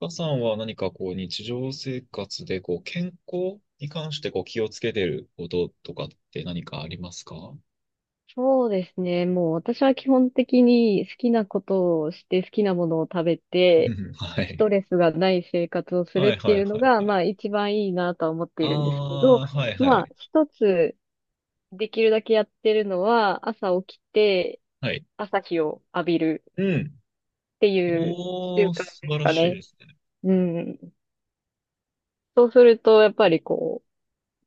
岡さんは何かこう日常生活でこう健康に関してこう気をつけてることとかって何かありますか？うそうですね。もう私は基本的に好きなことをして好きなものを食べて、ん。 はスい。トレスがない生活をすはるいってはいいうのはいが、はまい。あ一番いいなとは思ってあいるんですけど、あ、はいはまあい。一つできるだけやってるのは、朝起きてはい。朝日を浴びるうん。っていう習おー、慣素で晴すらかしいね。ですね。うん。そうすると、やっぱりこ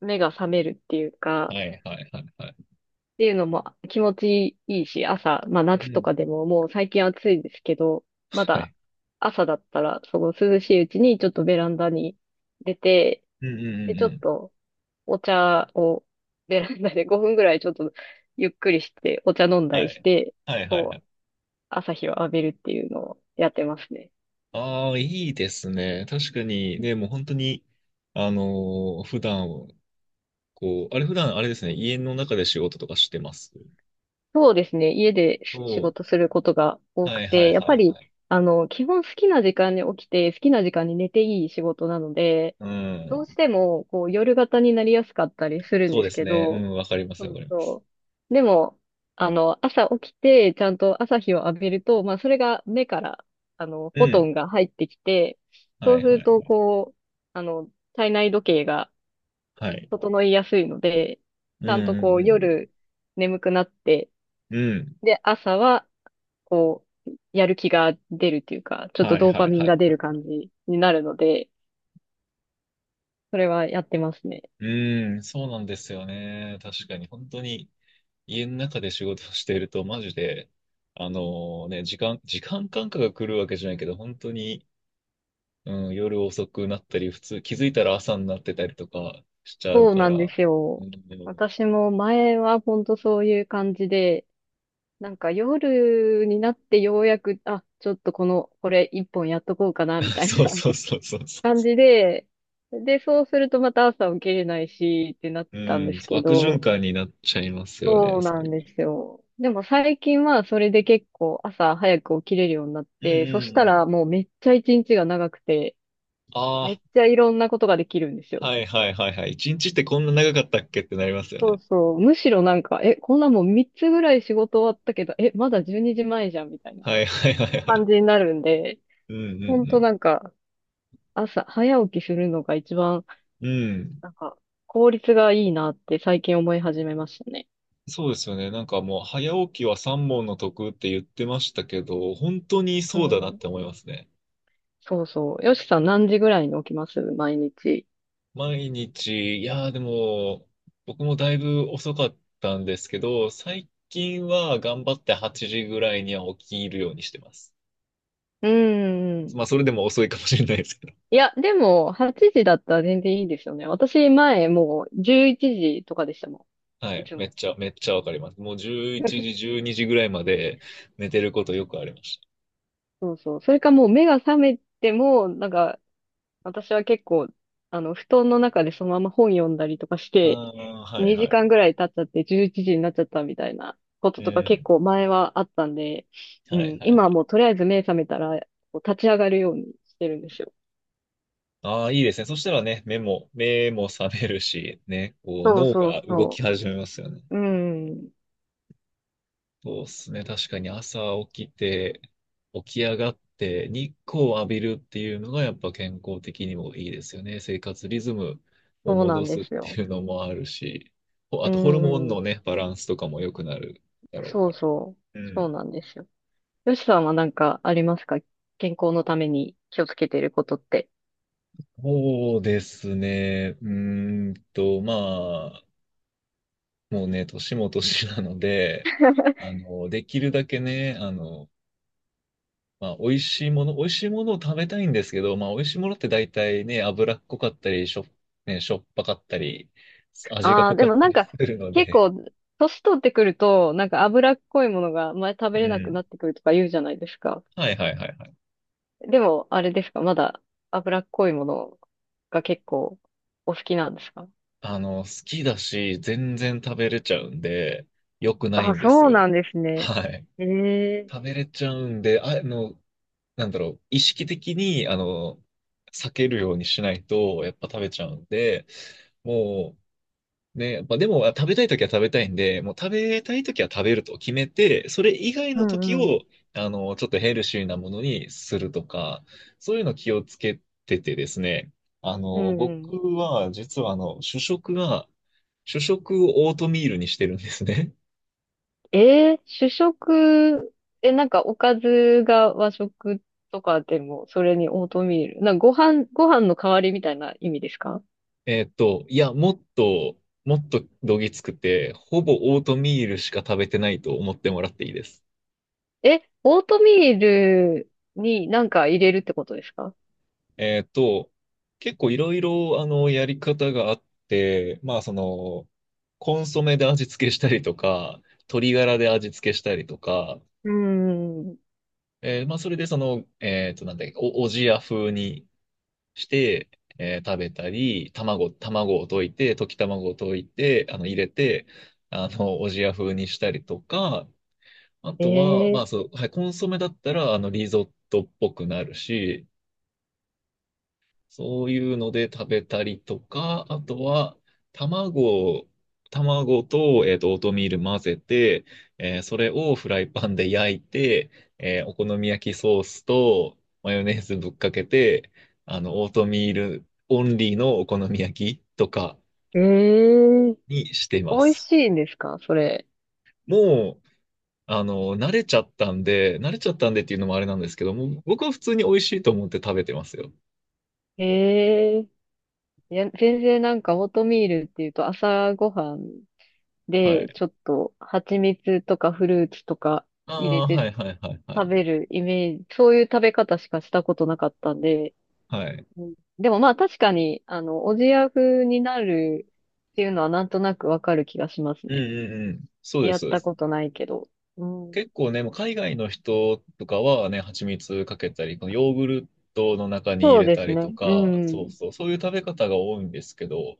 う、目が覚めるっていうか、はいはいはいはい。っていうのも気持ちいいし、朝、まあう夏とん。かでももう最近暑いですけど、まはだい。朝だったら、その涼しいうちにちょっとベランダに出て、うんうんうで、んうちょっん。とお茶をベランダで5分ぐらいちょっとゆっくりして、お茶飲んだはりしい。て、はいはいはこう、い。朝日を浴びるっていうのをやってますね。ああ、いいですね。確かにね、もう本当に、普段、あれ普段あれですね、家の中で仕事とかしてます。そうですね。家でそ仕う、事することが多はくいはいて、やっはぱいはり、い。基本好きな時間に起きて、好きな時間に寝ていい仕事なので、うどうん。しても、こう、夜型になりやすかったりするんそうでですすけね。うど、ん、わかります、そわかうります。そう。でも、朝起きて、ちゃんと朝日を浴びると、まあ、それが目から、うフォトん。ンが入ってきて、はいそはういすはるい。と、こう、体内時計がはい。整いやすいので、うちゃんとんうこんうう、ん夜眠くなって、うん。うん。で、朝はこう、やる気が出るっていうか、ちょっとはいドーパはいミンはが出るい。感じになるので、それはやってますね。うん、そうなんですよね。確かに、本当に家の中で仕事をしていると、マジで、あのね、時間感覚が来るわけじゃないけど、本当に、うん、夜遅くなったり、普通、気づいたら朝になってたりとかしちゃうそうかなんでら、すうよ。ん。私も前は本当そういう感じで、なんか夜になってようやく、あ、ちょっとこれ一本やっとこうかな、みたいそうな そう そうそうそう。感じで、で、そうするとまた朝起きれないし、ってなっうてたんでん、すそうけ悪循ど、環になっちゃいますよね、そうそなれんが。ですよ。でも最近はそれで結構朝早く起きれるようになっうんうて、そしんたうん。らもうめっちゃ一日が長くて、めあっちゃいろんなことができるんですあ、よ。はいはいはいはい。一日ってこんな長かったっけってなりますよそうね。そう。むしろなんか、え、こんなもう3つぐらい仕事終わったけど、え、まだ12時前じまえじゃんみたいなはいはいはいは感い。じになるんで、うんうほんとんなんか朝早起きするのが一番うん。うん。なんか効率がいいなって最近思い始めましたね。そうですよね。なんかもう、早起きは三問の得って言ってましたけど、本当にうそうだなっん。て思いますね。そうそう。よしさん何時ぐらいに起きます毎日？毎日、いやーでも、僕もだいぶ遅かったんですけど、最近は頑張って8時ぐらいには起きるようにしてます。うんうん。まあ、それでも遅いかもしれないです。いや、でも、8時だったら全然いいですよね。私、前、もう、11時とかでしたもはん。いい。つめっも。ちゃ、めっちゃわかります。もう11時、12時ぐらいまで寝てることよくありましそうそう。それかもう、目が覚めても、なんか、私は結構、布団の中でそのまま本読んだりとかした。あて、あ、はいは2い。時間ぐらい経っちゃって11時になっちゃったみたいなことうとか結ん。構前はあったんで、うはいん、はいは今はい。もうとりあえず目覚めたら、こう立ち上がるようにしてるんですよ。ああ、いいですね。そしたらね、目も覚めるし、ね、こうそう脳そがう動きそ始めますよね。う。うん、そうっすね。確かに朝起きて、起き上がって日光を浴びるっていうのがやっぱ健康的にもいいですよね。生活リズムをそうな戻んすでっすてよ。いうのもあるし、ほうあとホルモンのん。ね、バランスとかも良くなるだろうそかうら。そう。うそうん。なんですよ。よしさんはなんかありますか？健康のために気をつけていることって。そうですね。まあ、もうね、年も年なので、できるだけね、まあ、美味しいものを食べたいんですけど、まあ、美味しいものって大体ね、脂っこかったり、ね、しょっぱかったり、味がああ、濃でかっもたなんりかするの結で、構、年取ってくると、なんか脂っこいものが前食うべれなくん。なってくるとか言うじゃないですか。はいはいはいはい。でも、あれですか？まだ脂っこいものが結構お好きなんですか？好きだし、全然食べれちゃうんで、良くないあ、んですそうよ。なんですね。はい。ええ。食べれちゃうんで、なんだろう、意識的に、避けるようにしないと、やっぱ食べちゃうんで、もう、ね、やっぱでも、あ食べたいときは食べたいんで、もう食べたいときは食べると決めて、それ以外うのときんうを、ん。ちょっとヘルシーなものにするとか、そういうの気をつけててですね、う僕んは、実は、主食をオートミールにしてるんですね。主食、え、なんかおかずが和食とかでも、それにオートミール。なんかご飯の代わりみたいな意味ですか？いや、もっと、もっとどぎつくて、ほぼオートミールしか食べてないと思ってもらっていいです。え、オートミールになんか入れるってことですか？えーっと、結構いろいろ、やり方があって、まあ、コンソメで味付けしたりとか、鶏ガラで味付けしたりとか、うーん。まあ、それでその、なんだっけ、おじや風にして、食べたり、卵を溶いて、溶き卵を溶いて、入れて、おじや風にしたりとか、あとは、まあえそう、はい、コンソメだったら、リゾットっぽくなるし、そういうので食べたりとか、あとは、卵を、卵と、オートミール混ぜて、それをフライパンで焼いて、お好み焼きソースとマヨネーズぶっかけて、オートミールオンリーのお好み焼きとかー、えー、にしてま美味す。しいんですかそれ？もう、慣れちゃったんで、慣れちゃったんでっていうのもあれなんですけども、僕は普通に美味しいと思って食べてますよ。えー、いや、全然なんかオートミールっていうと朝ごはんはで、い。ちょっと蜂蜜とかフルーツとか、あ入れあ、てはいはいはいは食い。べるイメージ、そういう食べ方しかしたことなかったんで、はい。うんでもまあ確かに、おじや風になるっていうのはなんとなくわかる気がしますうんね。うんうん。そうでやす、っそうでたす。ことないけど。うん、結構ね、もう海外の人とかはね、蜂蜜かけたり、このヨーグルトの中に入そうれでたすりね。とうか、そうん。そう、そういう食べ方が多いんですけど、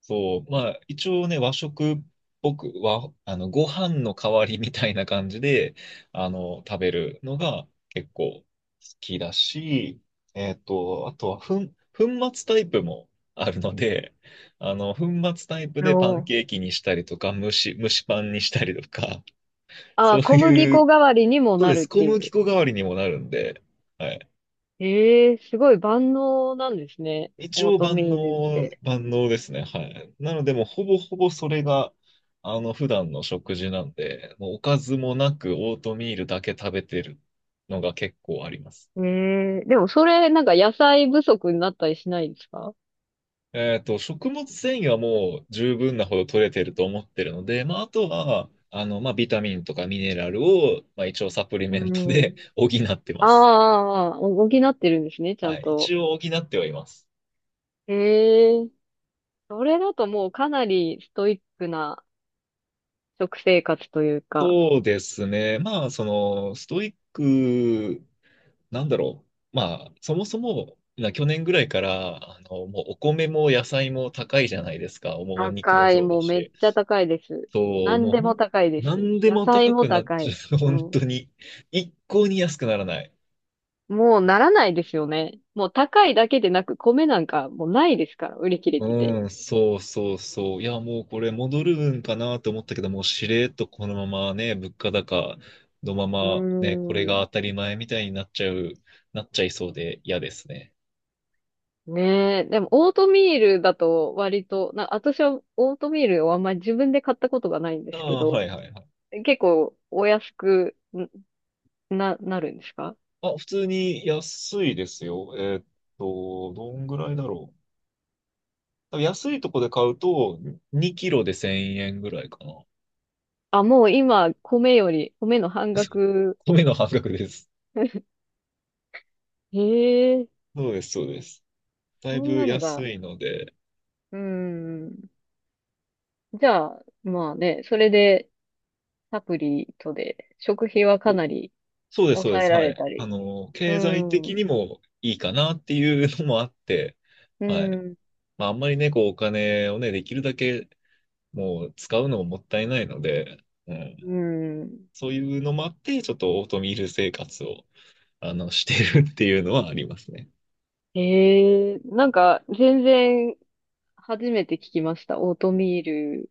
そう、まあ、一応ね、和食っぽく、和、あの、ご飯の代わりみたいな感じで、食べるのが結構好きだし、あとは、粉末タイプもあるので、粉末タイプおでパンーケーキにしたりとか、蒸しパンにしたりとか、あそうー、小麦い粉う、代わりにもそうなです。るっ小てい麦う。粉代わりにもなるんで、はい。ええすごい万能なんですね。一オー応ト万ミールっ能、て。万能ですね。はい。なので、もうほぼほぼそれが、普段の食事なんで、もうおかずもなくオートミールだけ食べてるのが結構あります。ええでもそれなんか野菜不足になったりしないですか？食物繊維はもう十分なほど取れてると思ってるので、まあ、あとは、まあ、ビタミンとかミネラルを、まあ、一応サプリうメントで ん。補ってまあーす。あー、あー補ってるんですね、ちゃはんい。一と。応補ってはいます。ええそれだともうかなりストイックな食生活というか、そうですね。まあ、ストイックなんだろう。まあ、そもそも、去年ぐらいから、もうお米も野菜も高いじゃないですか。もうお肉も高い、そうだもうめっし。ちゃ高いです。そう、何もうでも高いでなす。んで野も菜高もくなっ高ちゃい。う。う本ん。当に。一向に安くならない。もうならないですよね。もう高いだけでなく、米なんかもうないですから、売り切れてて。うん、そうそうそう。いや、もうこれ戻るんかなと思ったけど、もうしれっとこのままね、物価高のまうまね、これーがん。当たり前みたいになっちゃいそうで嫌ですね。ねえ。でも、オートミールだと割と、私はオートミールをあんまり自分で買ったことがないんであすけあ、はいど、はいはい。結構お安くんなるんですか？あ、普通に安いですよ。どんぐらいだろう。多分安いとこで買うと、2キロで1000円ぐらいかな。あ、もう今、米より、米の半額。米の半額です。へえ、そうです、そうです。だそいんぶなのが。安いので、うーん。じゃあ、まあね、それで、サプリとで、食費はかなりそうです、そうで抑えす。らはれい。たり。うー経済ん。う的にもいいかなっていうのもあって、ーはい。ん。まあ、あんまりね、こう、お金をね、できるだけもう使うのももったいないので、ううん。ーん。そういうのもあって、ちょっとオートミール生活をしてるっていうのはありますね。へえ、なんか、全然、初めて聞きました。オートミール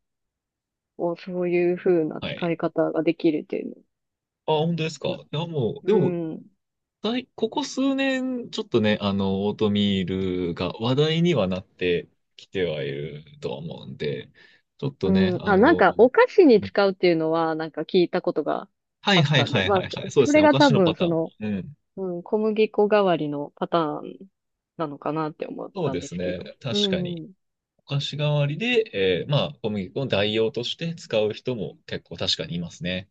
をそういう風なは使い。い方ができるっていうあ、本当ですか。の。いや、もう、うでも、ーん。ここ数年、ちょっとね、オートミールが話題にはなってきてはいるとは思うんで、ちょっとうね、ん、あ、なんか、お菓子に使うっていうのは、なんか聞いたことがはいあっはいたんはで、いまはあ、いはい。そうでそすね。れおが菓多子のパ分、ターン。うん。うん、小麦粉代わりのパターンなのかなって思っそうたんでですすけね。ど。う確かに。ん。お菓子代わりで、まあ、小麦粉を代用として使う人も結構確かにいますね。